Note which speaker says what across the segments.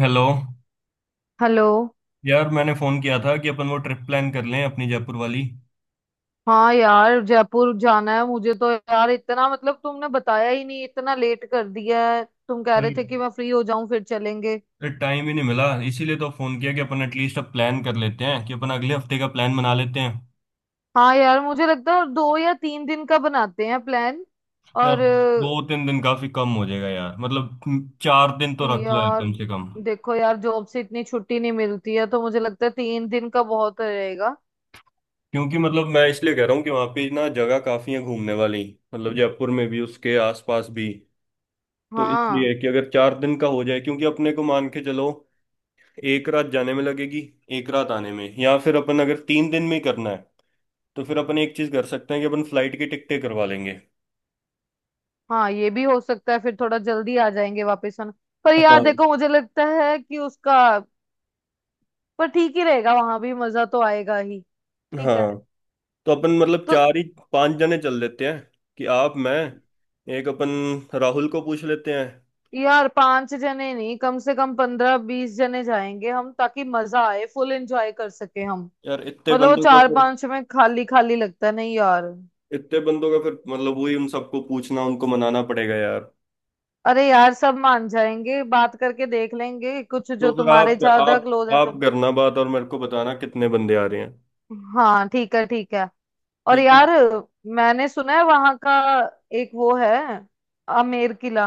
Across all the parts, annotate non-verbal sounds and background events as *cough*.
Speaker 1: Hello.
Speaker 2: Hello.
Speaker 1: यार, मैंने phone किया था कि अपन वो ट्रिप प्लान कर लें अपनी जयपुर वाली।
Speaker 2: हाँ यार, जयपुर जाना है मुझे तो। यार इतना, मतलब तुमने बताया ही नहीं, इतना लेट कर दिया है। तुम कह रहे
Speaker 1: अरे,
Speaker 2: थे कि मैं फ्री हो जाऊं फिर चलेंगे।
Speaker 1: टाइम ही नहीं मिला इसीलिए तो फोन किया कि अपन एटलीस्ट अब प्लान कर लेते हैं कि अपन अगले हफ्ते का प्लान बना लेते हैं।
Speaker 2: हाँ यार, मुझे लगता है 2 या 3 दिन का बनाते हैं प्लान।
Speaker 1: यार,
Speaker 2: और
Speaker 1: दो तीन दिन काफी कम हो जाएगा यार। मतलब 4 दिन तो रख लो यार
Speaker 2: यार
Speaker 1: कम से कम।
Speaker 2: देखो यार, जॉब से इतनी छुट्टी नहीं मिलती है, तो मुझे लगता है 3 दिन का बहुत रहेगा।
Speaker 1: क्योंकि मतलब मैं इसलिए कह रहा हूँ कि वहाँ पे ना जगह काफी है घूमने वाली। मतलब जयपुर में भी उसके आसपास भी। तो
Speaker 2: हाँ
Speaker 1: इसलिए कि अगर 4 दिन का हो जाए क्योंकि अपने को मान के चलो, एक रात जाने में लगेगी, एक रात आने में, या फिर अपन अगर 3 दिन में ही करना है तो फिर अपन एक चीज कर सकते हैं कि अपन फ्लाइट की टिकटें करवा लेंगे।
Speaker 2: हाँ, ये भी हो सकता है, फिर थोड़ा जल्दी आ जाएंगे वापस हम। पर यार
Speaker 1: हाँ,
Speaker 2: देखो, मुझे लगता है कि उसका पर ठीक ही रहेगा, वहां भी मजा तो आएगा ही। ठीक है।
Speaker 1: हाँ, तो अपन मतलब
Speaker 2: तो
Speaker 1: चार ही 5 जने चल लेते हैं, कि आप, मैं, एक अपन राहुल को पूछ लेते हैं।
Speaker 2: यार, पांच जने नहीं, कम से कम 15-20 जने जाएंगे हम, ताकि मजा आए, फुल एंजॉय कर सके हम।
Speaker 1: यार इतने
Speaker 2: मतलब वो
Speaker 1: बंदों का
Speaker 2: चार
Speaker 1: फिर
Speaker 2: पांच में खाली खाली लगता नहीं यार।
Speaker 1: इतने बंदों का फिर मतलब वही उन सबको पूछना, उनको मनाना पड़ेगा यार।
Speaker 2: अरे यार, सब मान जाएंगे, बात करके देख लेंगे। कुछ
Speaker 1: तो
Speaker 2: जो
Speaker 1: फिर
Speaker 2: तुम्हारे
Speaker 1: आप
Speaker 2: ज्यादा
Speaker 1: आप
Speaker 2: क्लोज है
Speaker 1: आप
Speaker 2: तुम।
Speaker 1: करना बात और मेरे को बताना कितने बंदे आ रहे हैं।
Speaker 2: हाँ ठीक है, ठीक है। और
Speaker 1: ठीक है।
Speaker 2: यार, मैंने सुना है वहां का एक वो है, आमेर किला।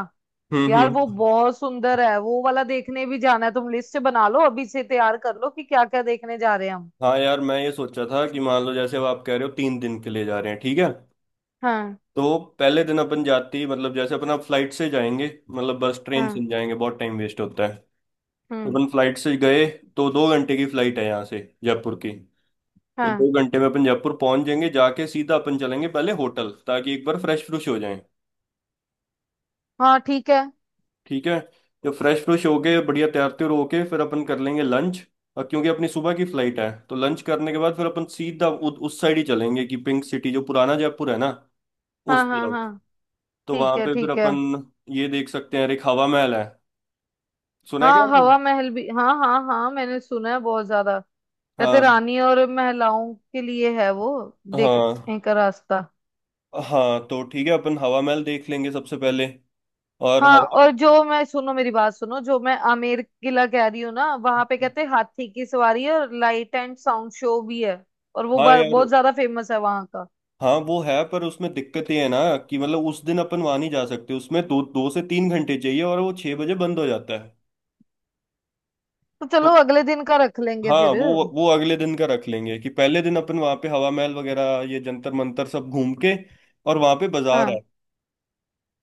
Speaker 1: हम्म।
Speaker 2: यार वो
Speaker 1: हम्म।
Speaker 2: बहुत सुंदर है, वो वाला देखने भी जाना है। तुम लिस्ट बना लो, अभी से तैयार कर लो कि क्या क्या देखने जा रहे हैं हम।
Speaker 1: हाँ यार, मैं ये सोचा था कि मान लो, जैसे अब आप कह रहे हो 3 दिन के लिए जा रहे हैं, ठीक है
Speaker 2: हाँ
Speaker 1: तो पहले दिन अपन जाते ही मतलब जैसे अपना फ्लाइट से जाएंगे, मतलब बस ट्रेन से
Speaker 2: हाँ।
Speaker 1: नहीं जाएंगे, बहुत टाइम वेस्ट होता है। तो
Speaker 2: हम्म।
Speaker 1: अपन फ्लाइट से गए तो 2 घंटे की फ्लाइट है यहाँ से जयपुर की। तो
Speaker 2: हाँ
Speaker 1: 2 घंटे में अपन जयपुर पहुंच जाएंगे, जाके सीधा अपन चलेंगे पहले होटल ताकि एक बार फ्रेश फ्रूश हो जाए।
Speaker 2: हाँ, ठीक है।
Speaker 1: ठीक है। जब फ्रेश फ्रूश हो गए, बढ़िया तैयार त्यार होके, फिर अपन कर लेंगे लंच। और क्योंकि अपनी सुबह की फ्लाइट है तो लंच करने के बाद फिर अपन सीधा उस साइड ही चलेंगे कि पिंक सिटी जो पुराना जयपुर है ना, उस
Speaker 2: हाँ हाँ
Speaker 1: तरफ।
Speaker 2: हाँ।
Speaker 1: तो वहां
Speaker 2: ठीक है,
Speaker 1: पे फिर
Speaker 2: ठीक है।
Speaker 1: अपन ये देख सकते हैं, एक हवा महल है। सुना है क्या
Speaker 2: हाँ,
Speaker 1: आपने?
Speaker 2: हवा महल भी, हाँ हाँ हाँ, मैंने सुना है बहुत ज्यादा। कहते
Speaker 1: हाँ,
Speaker 2: रानी और महिलाओं के लिए है वो,
Speaker 1: हाँ,
Speaker 2: देखने का रास्ता।
Speaker 1: हाँ, तो ठीक है अपन हवा महल देख लेंगे सबसे पहले। और
Speaker 2: हाँ,
Speaker 1: हवा
Speaker 2: और जो मैं, सुनो मेरी बात सुनो, जो मैं आमेर किला कह रही हूँ ना, वहां पे कहते हैं हाथी की सवारी है, और लाइट एंड साउंड शो भी है। और वो
Speaker 1: हाँ यार।
Speaker 2: बहुत ज्यादा फेमस है वहां का।
Speaker 1: हाँ, वो है पर उसमें दिक्कत ये है ना कि मतलब उस दिन अपन वहां नहीं जा सकते, उसमें दो दो से 3 घंटे चाहिए और वो 6 बजे बंद हो जाता है।
Speaker 2: तो चलो
Speaker 1: तो
Speaker 2: अगले दिन का रख लेंगे
Speaker 1: हाँ,
Speaker 2: फिर।
Speaker 1: वो अगले दिन का रख लेंगे कि पहले दिन अपन वहां पे हवा महल वगैरह, ये जंतर मंतर सब घूम के। और वहां पे बाजार है,
Speaker 2: हाँ।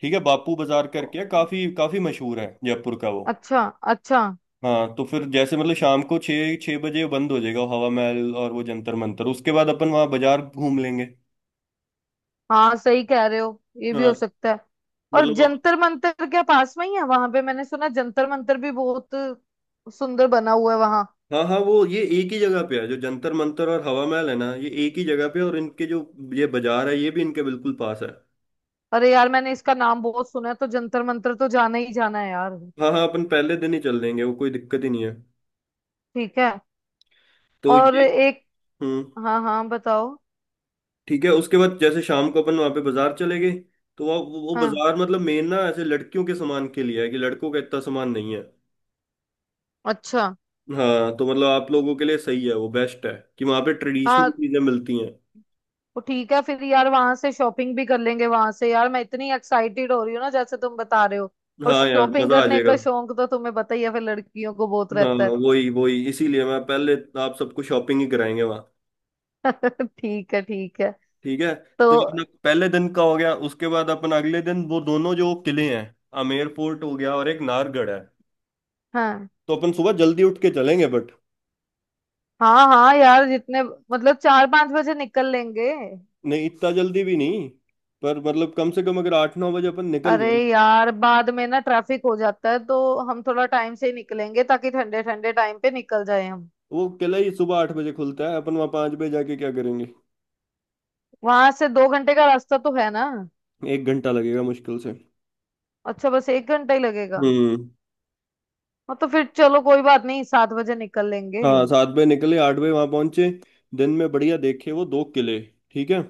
Speaker 1: ठीक है बापू बाजार करके है, काफी काफी मशहूर है जयपुर का वो।
Speaker 2: अच्छा। अच्छा।
Speaker 1: हाँ तो फिर जैसे मतलब शाम को छः छः बजे बंद हो जाएगा हवा महल और वो जंतर मंतर, उसके बाद अपन वहाँ बाजार घूम लेंगे।
Speaker 2: हाँ सही कह रहे हो, ये भी हो
Speaker 1: हाँ
Speaker 2: सकता है। और
Speaker 1: मतलब,
Speaker 2: जंतर मंतर क्या पास में ही है वहां पे? मैंने सुना जंतर मंतर भी बहुत सुंदर बना हुआ है वहां।
Speaker 1: हाँ, हाँ, वो ये एक ही जगह पे है जो जंतर मंतर और हवा महल है ना, ये एक ही जगह पे है, और इनके जो ये बाजार है ये भी इनके बिल्कुल पास है।
Speaker 2: अरे यार, मैंने इसका नाम बहुत सुना है, तो जंतर मंतर तो जाना ही जाना है यार।
Speaker 1: हाँ, हाँ, अपन पहले दिन ही चल देंगे, वो कोई दिक्कत ही नहीं है।
Speaker 2: ठीक है।
Speaker 1: तो
Speaker 2: और
Speaker 1: ये
Speaker 2: एक,
Speaker 1: हम्म।
Speaker 2: हाँ हाँ बताओ।
Speaker 1: ठीक है। उसके बाद जैसे शाम को अपन वहाँ पे बाजार चले गए तो वहाँ वो
Speaker 2: हाँ।
Speaker 1: बाजार मतलब मेन ना ऐसे लड़कियों के सामान के लिए है, कि लड़कों का इतना सामान नहीं है।
Speaker 2: अच्छा।
Speaker 1: हाँ तो मतलब आप लोगों के लिए सही है, वो बेस्ट है, कि वहां पे ट्रेडिशनल
Speaker 2: हाँ
Speaker 1: चीजें मिलती हैं।
Speaker 2: तो ठीक है फिर यार, वहां से शॉपिंग भी कर लेंगे वहां से। यार मैं इतनी एक्साइटेड हो रही हूँ ना जैसे तुम बता रहे हो। और
Speaker 1: हाँ यार
Speaker 2: शॉपिंग
Speaker 1: मजा आ
Speaker 2: करने
Speaker 1: जाएगा।
Speaker 2: का शौक तो तुम्हें पता ही है, फिर लड़कियों को बहुत
Speaker 1: हाँ,
Speaker 2: रहता
Speaker 1: वही वही इसीलिए मैं पहले आप सबको शॉपिंग ही कराएंगे वहाँ।
Speaker 2: है। *laughs* ठीक है, ठीक है।
Speaker 1: ठीक है।
Speaker 2: तो
Speaker 1: तो अपना पहले दिन का हो गया, उसके बाद अपन अगले दिन वो दोनों जो किले हैं आमेर फोर्ट हो गया और एक नाहरगढ़ है,
Speaker 2: हाँ।
Speaker 1: तो अपन सुबह जल्दी उठ के चलेंगे बट
Speaker 2: हाँ हाँ यार, जितने मतलब 4-5 बजे निकल लेंगे।
Speaker 1: नहीं इतना जल्दी भी नहीं, पर मतलब कम से कम अगर 8-9 बजे अपन निकल
Speaker 2: अरे
Speaker 1: जाए।
Speaker 2: यार, बाद में ना ट्रैफिक हो जाता है, तो हम थोड़ा टाइम से ही निकलेंगे, ताकि ठंडे ठंडे टाइम पे निकल जाए हम।
Speaker 1: वो किला ही सुबह 8 बजे खुलता है, अपन वहाँ 5 बजे जाके क्या करेंगे?
Speaker 2: वहां से 2 घंटे का रास्ता तो है ना?
Speaker 1: एक घंटा लगेगा मुश्किल से।
Speaker 2: अच्छा, बस 1 घंटा ही लगेगा।
Speaker 1: हम्म।
Speaker 2: हाँ तो फिर चलो, कोई बात नहीं, 7 बजे निकल लेंगे।
Speaker 1: हाँ, 7 बजे निकले, 8 बजे वहां पहुंचे, दिन में बढ़िया देखे वो 2 किले। ठीक है।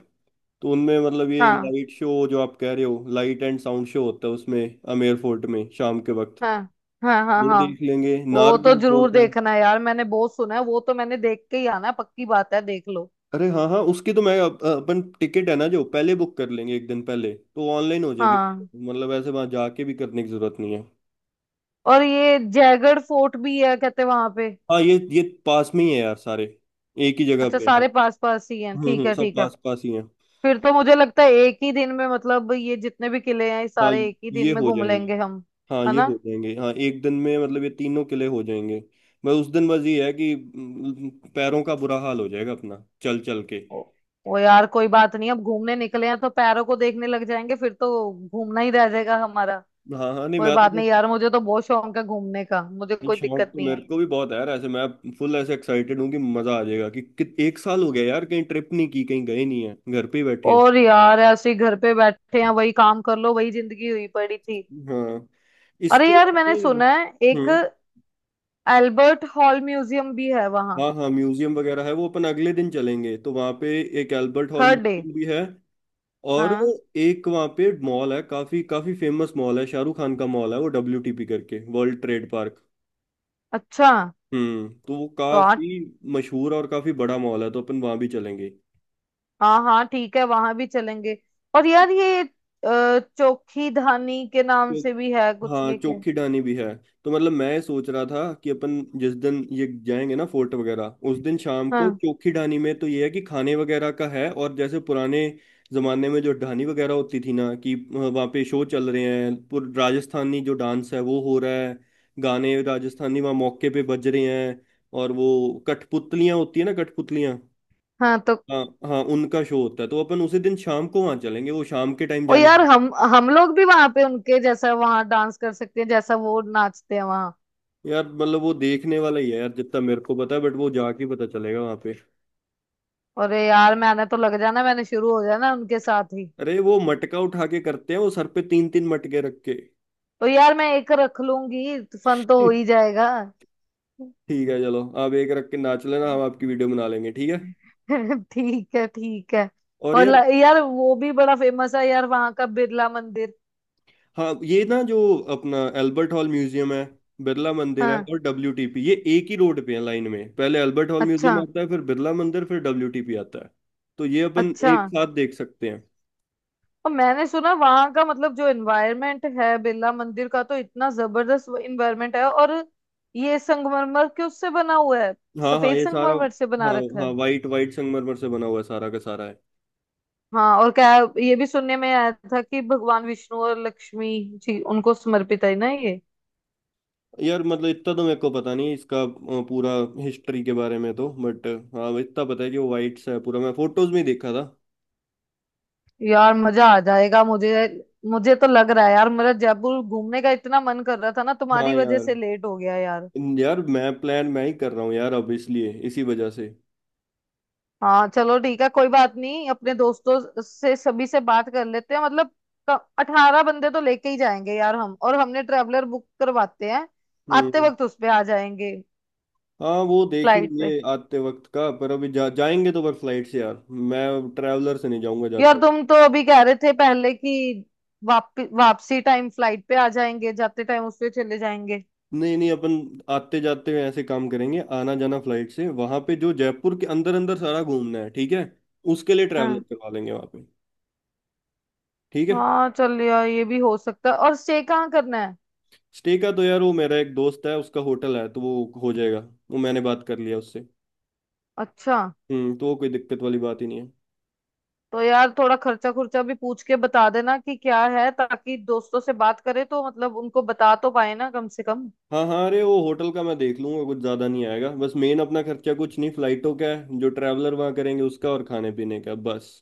Speaker 1: तो उनमें मतलब ये
Speaker 2: हाँ
Speaker 1: लाइट शो जो आप कह रहे हो, लाइट एंड साउंड शो होता है उसमें आमेर फोर्ट में शाम के वक्त
Speaker 2: हाँ। हाँ हाँ।
Speaker 1: वो
Speaker 2: हाँ,
Speaker 1: देख लेंगे।
Speaker 2: वो तो
Speaker 1: नाहरगढ़
Speaker 2: जरूर
Speaker 1: फोर्ट है,
Speaker 2: देखना है यार, मैंने बहुत सुना है। वो तो मैंने देख के ही आना है, पक्की बात है, देख लो।
Speaker 1: अरे हाँ, हाँ, उसकी तो मैं अपन टिकट है ना, जो पहले बुक कर लेंगे एक दिन पहले तो ऑनलाइन हो जाएगी।
Speaker 2: हाँ।
Speaker 1: मतलब ऐसे वहां जाके भी करने की जरूरत नहीं है।
Speaker 2: और ये जयगढ़ फोर्ट भी है कहते वहां पे।
Speaker 1: हाँ, ये पास में ही है यार सारे, एक ही जगह
Speaker 2: अच्छा,
Speaker 1: पे यार।
Speaker 2: सारे पास पास ही हैं।
Speaker 1: हम्म।
Speaker 2: ठीक
Speaker 1: हम्म।
Speaker 2: है,
Speaker 1: सब
Speaker 2: ठीक है।
Speaker 1: पास पास ही है।
Speaker 2: फिर तो मुझे लगता है एक ही दिन में, मतलब ये जितने भी किले हैं ये
Speaker 1: हाँ
Speaker 2: सारे एक ही दिन
Speaker 1: ये
Speaker 2: में
Speaker 1: हो
Speaker 2: घूम
Speaker 1: जाएंगे
Speaker 2: लेंगे हम।
Speaker 1: हाँ
Speaker 2: है
Speaker 1: ये
Speaker 2: ना?
Speaker 1: हो जाएंगे, हाँ एक दिन में मतलब ये तीनों किले हो जाएंगे। मैं उस दिन बस ये है कि पैरों का बुरा हाल हो जाएगा अपना चल चल के।
Speaker 2: ओ, वो यार कोई बात नहीं, अब घूमने निकले हैं तो पैरों को देखने लग जाएंगे फिर तो घूमना ही रह जाएगा हमारा।
Speaker 1: हाँ, हाँ, नहीं
Speaker 2: कोई
Speaker 1: मैं तो
Speaker 2: बात नहीं
Speaker 1: बस।
Speaker 2: यार, मुझे तो बहुत शौक है घूमने का, मुझे कोई
Speaker 1: शौक
Speaker 2: दिक्कत
Speaker 1: तो
Speaker 2: नहीं है।
Speaker 1: मेरे को भी बहुत है यार, ऐसे मैं फुल ऐसे एक्साइटेड हूँ कि मजा आ जाएगा, कि 1 साल हो गया यार, कहीं ट्रिप नहीं की, कहीं गए नहीं है घर पे ही बैठे हैं।
Speaker 2: और यार ऐसे ही घर पे बैठे हैं, वही काम कर लो, वही जिंदगी हुई पड़ी थी।
Speaker 1: हाँ।
Speaker 2: अरे
Speaker 1: इसके
Speaker 2: यार,
Speaker 1: अलावा तो
Speaker 2: मैंने
Speaker 1: यार-
Speaker 2: सुना है एक
Speaker 1: हम्म।
Speaker 2: एल्बर्ट हॉल म्यूजियम भी है वहाँ।
Speaker 1: हाँ, हाँ, म्यूजियम वगैरह है, वो अपन अगले दिन चलेंगे तो वहाँ पे एक Albert Hall
Speaker 2: third day.
Speaker 1: Museum भी है। और
Speaker 2: हाँ।
Speaker 1: एक वहाँ पे मॉल है, काफी काफी फेमस मॉल है, शाहरुख खान का मॉल है वो, डब्ल्यूटीपी करके, वर्ल्ड ट्रेड पार्क।
Speaker 2: अच्छा।
Speaker 1: हम्म। तो वो
Speaker 2: तो हाँ।
Speaker 1: काफी मशहूर और काफी बड़ा मॉल है, तो अपन वहां भी चलेंगे।
Speaker 2: हाँ हाँ ठीक है, वहां भी चलेंगे। और यार ये चोखी धानी के नाम से
Speaker 1: तो
Speaker 2: भी है कुछ,
Speaker 1: हाँ,
Speaker 2: ये क्या?
Speaker 1: चोखी डानी भी है। तो मतलब मैं सोच रहा था कि अपन जिस दिन ये जाएंगे ना फोर्ट वगैरह, उस दिन शाम को
Speaker 2: हाँ।
Speaker 1: चोखी डानी में। तो ये है कि खाने वगैरह का है और जैसे पुराने जमाने में जो ढानी वगैरह होती थी ना, कि वहाँ पे शो चल रहे हैं, राजस्थानी जो डांस है वो हो रहा है, गाने राजस्थानी वहाँ मौके पे बज रहे हैं। और वो कठपुतलियाँ होती है ना, कठपुतलियाँ।
Speaker 2: हाँ तो।
Speaker 1: हाँ, हाँ, उनका शो होता है तो अपन उसी दिन शाम को वहाँ चलेंगे वो शाम के टाइम
Speaker 2: ओ
Speaker 1: जाने।
Speaker 2: यार, हम लोग भी वहां पे उनके जैसा वहां डांस कर सकते हैं, जैसा वो नाचते हैं वहां।
Speaker 1: यार मतलब वो देखने वाला ही है यार, जितना मेरे को पता है बट वो जाके पता चलेगा वहां पे।
Speaker 2: अरे यार, मैंने तो लग जाना, मैंने शुरू हो जाना उनके साथ ही।
Speaker 1: अरे वो मटका उठा के करते हैं, वो सर पे तीन तीन मटके रख के।
Speaker 2: तो यार मैं एक रख लूंगी, फन तो हो ही
Speaker 1: *laughs*
Speaker 2: जाएगा।
Speaker 1: ठीक है, चलो आप एक रख के नाच लेना, हम आपकी
Speaker 2: *laughs*
Speaker 1: वीडियो बना लेंगे, ठीक है।
Speaker 2: ठीक है, ठीक है।
Speaker 1: और
Speaker 2: और
Speaker 1: यार,
Speaker 2: यार वो भी बड़ा फेमस है यार वहां का, बिरला मंदिर।
Speaker 1: हाँ, ये ना जो अपना एल्बर्ट हॉल म्यूजियम है, बिरला मंदिर है
Speaker 2: हाँ।
Speaker 1: और डब्ल्यूटीपी, ये एक ही रोड पे है, लाइन में पहले एल्बर्ट हॉल
Speaker 2: अच्छा।
Speaker 1: म्यूजियम आता है, फिर बिरला मंदिर, फिर डब्ल्यूटीपी आता है। तो ये अपन
Speaker 2: अच्छा।
Speaker 1: एक साथ देख सकते हैं।
Speaker 2: और मैंने सुना वहां का, मतलब जो एनवायरनमेंट है बिरला मंदिर का, तो इतना जबरदस्त एनवायरनमेंट है। और ये संगमरमर के उससे बना हुआ है,
Speaker 1: हाँ, हाँ,
Speaker 2: सफेद
Speaker 1: ये सारा।
Speaker 2: संगमरमर से बना
Speaker 1: हाँ,
Speaker 2: रखा है।
Speaker 1: हाँ, वाइट वाइट संगमरमर से बना हुआ है सारा का सारा है।
Speaker 2: हाँ। और क्या, ये भी सुनने में आया था कि भगवान विष्णु और लक्ष्मी जी, उनको समर्पित है ना ये।
Speaker 1: यार मतलब इतना तो मेरे को पता नहीं इसका पूरा हिस्ट्री के बारे में तो बट हाँ इतना पता है कि वो वाइट सा है पूरा, मैं फोटोज में ही देखा था।
Speaker 2: यार मजा आ जाएगा मुझे, मुझे तो लग रहा है। यार मेरा जयपुर घूमने का इतना मन कर रहा था ना,
Speaker 1: हाँ
Speaker 2: तुम्हारी वजह
Speaker 1: यार।
Speaker 2: से लेट हो गया यार।
Speaker 1: यार मैं प्लान मैं ही कर रहा हूँ यार, अब इसलिए इसी वजह से।
Speaker 2: हाँ, चलो ठीक है, कोई बात नहीं, अपने दोस्तों से सभी से बात कर लेते हैं। मतलब 18 बंदे तो लेके ही जाएंगे यार हम, और हमने ट्रेवलर बुक करवाते हैं, आते
Speaker 1: हम्म।
Speaker 2: वक्त उस पे आ जाएंगे।
Speaker 1: हाँ, वो देख
Speaker 2: फ्लाइट पे?
Speaker 1: लेंगे आते वक्त का, पर अभी जाएंगे तो पर फ्लाइट से यार, मैं ट्रैवलर से नहीं जाऊंगा जाते
Speaker 2: यार
Speaker 1: वक्त।
Speaker 2: तुम तो अभी कह रहे थे पहले कि वापसी टाइम फ्लाइट पे आ जाएंगे, जाते टाइम उस पे चले जाएंगे।
Speaker 1: नहीं, नहीं, अपन आते जाते हुए ऐसे काम करेंगे, आना जाना फ्लाइट से, वहां पे जो जयपुर के अंदर अंदर सारा घूमना है, ठीक है, उसके लिए ट्रैवलर
Speaker 2: हाँ।
Speaker 1: करवा लेंगे वहां पे। ठीक है।
Speaker 2: हाँ चल यार, ये भी हो सकता है। और स्टे कहाँ करना है?
Speaker 1: स्टे का तो यार वो मेरा एक दोस्त है, उसका होटल है तो वो हो जाएगा। वो मैंने बात कर लिया उससे।
Speaker 2: अच्छा।
Speaker 1: हम्म। तो वो कोई दिक्कत वाली बात ही नहीं है।
Speaker 2: तो यार थोड़ा खर्चा खुर्चा भी पूछ के बता देना कि क्या है, ताकि दोस्तों से बात करे तो मतलब उनको बता तो पाए ना कम से कम।
Speaker 1: हाँ, हाँ, अरे वो होटल का मैं देख लूंगा, कुछ ज्यादा नहीं आएगा, बस मेन अपना खर्चा कुछ नहीं फ्लाइटों का है, जो ट्रैवलर वहाँ करेंगे उसका, और खाने पीने का बस।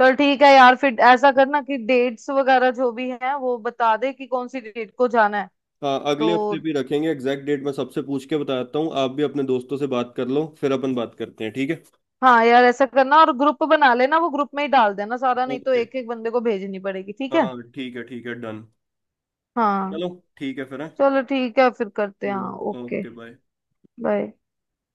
Speaker 2: चल ठीक है यार, फिर ऐसा करना कि डेट्स वगैरह जो भी है वो बता दे, कि कौन सी डेट को जाना है।
Speaker 1: हाँ, अगले
Speaker 2: तो
Speaker 1: हफ्ते भी रखेंगे एग्जैक्ट डेट, मैं सबसे पूछ के बताता हूँ, आप भी अपने दोस्तों से बात कर लो फिर अपन बात करते हैं, ठीक है।
Speaker 2: हाँ यार ऐसा करना, और ग्रुप बना लेना, वो ग्रुप में ही डाल देना सारा, नहीं तो
Speaker 1: ओके।
Speaker 2: एक एक बंदे को भेजनी पड़ेगी। ठीक है।
Speaker 1: हाँ, ठीक है, ठीक है, डन।
Speaker 2: हाँ
Speaker 1: चलो। ठीक है फिर, हाँ?
Speaker 2: चलो ठीक है, फिर करते हैं हाँ,
Speaker 1: हम्म।
Speaker 2: Okay,
Speaker 1: okay. बाय।
Speaker 2: बाय।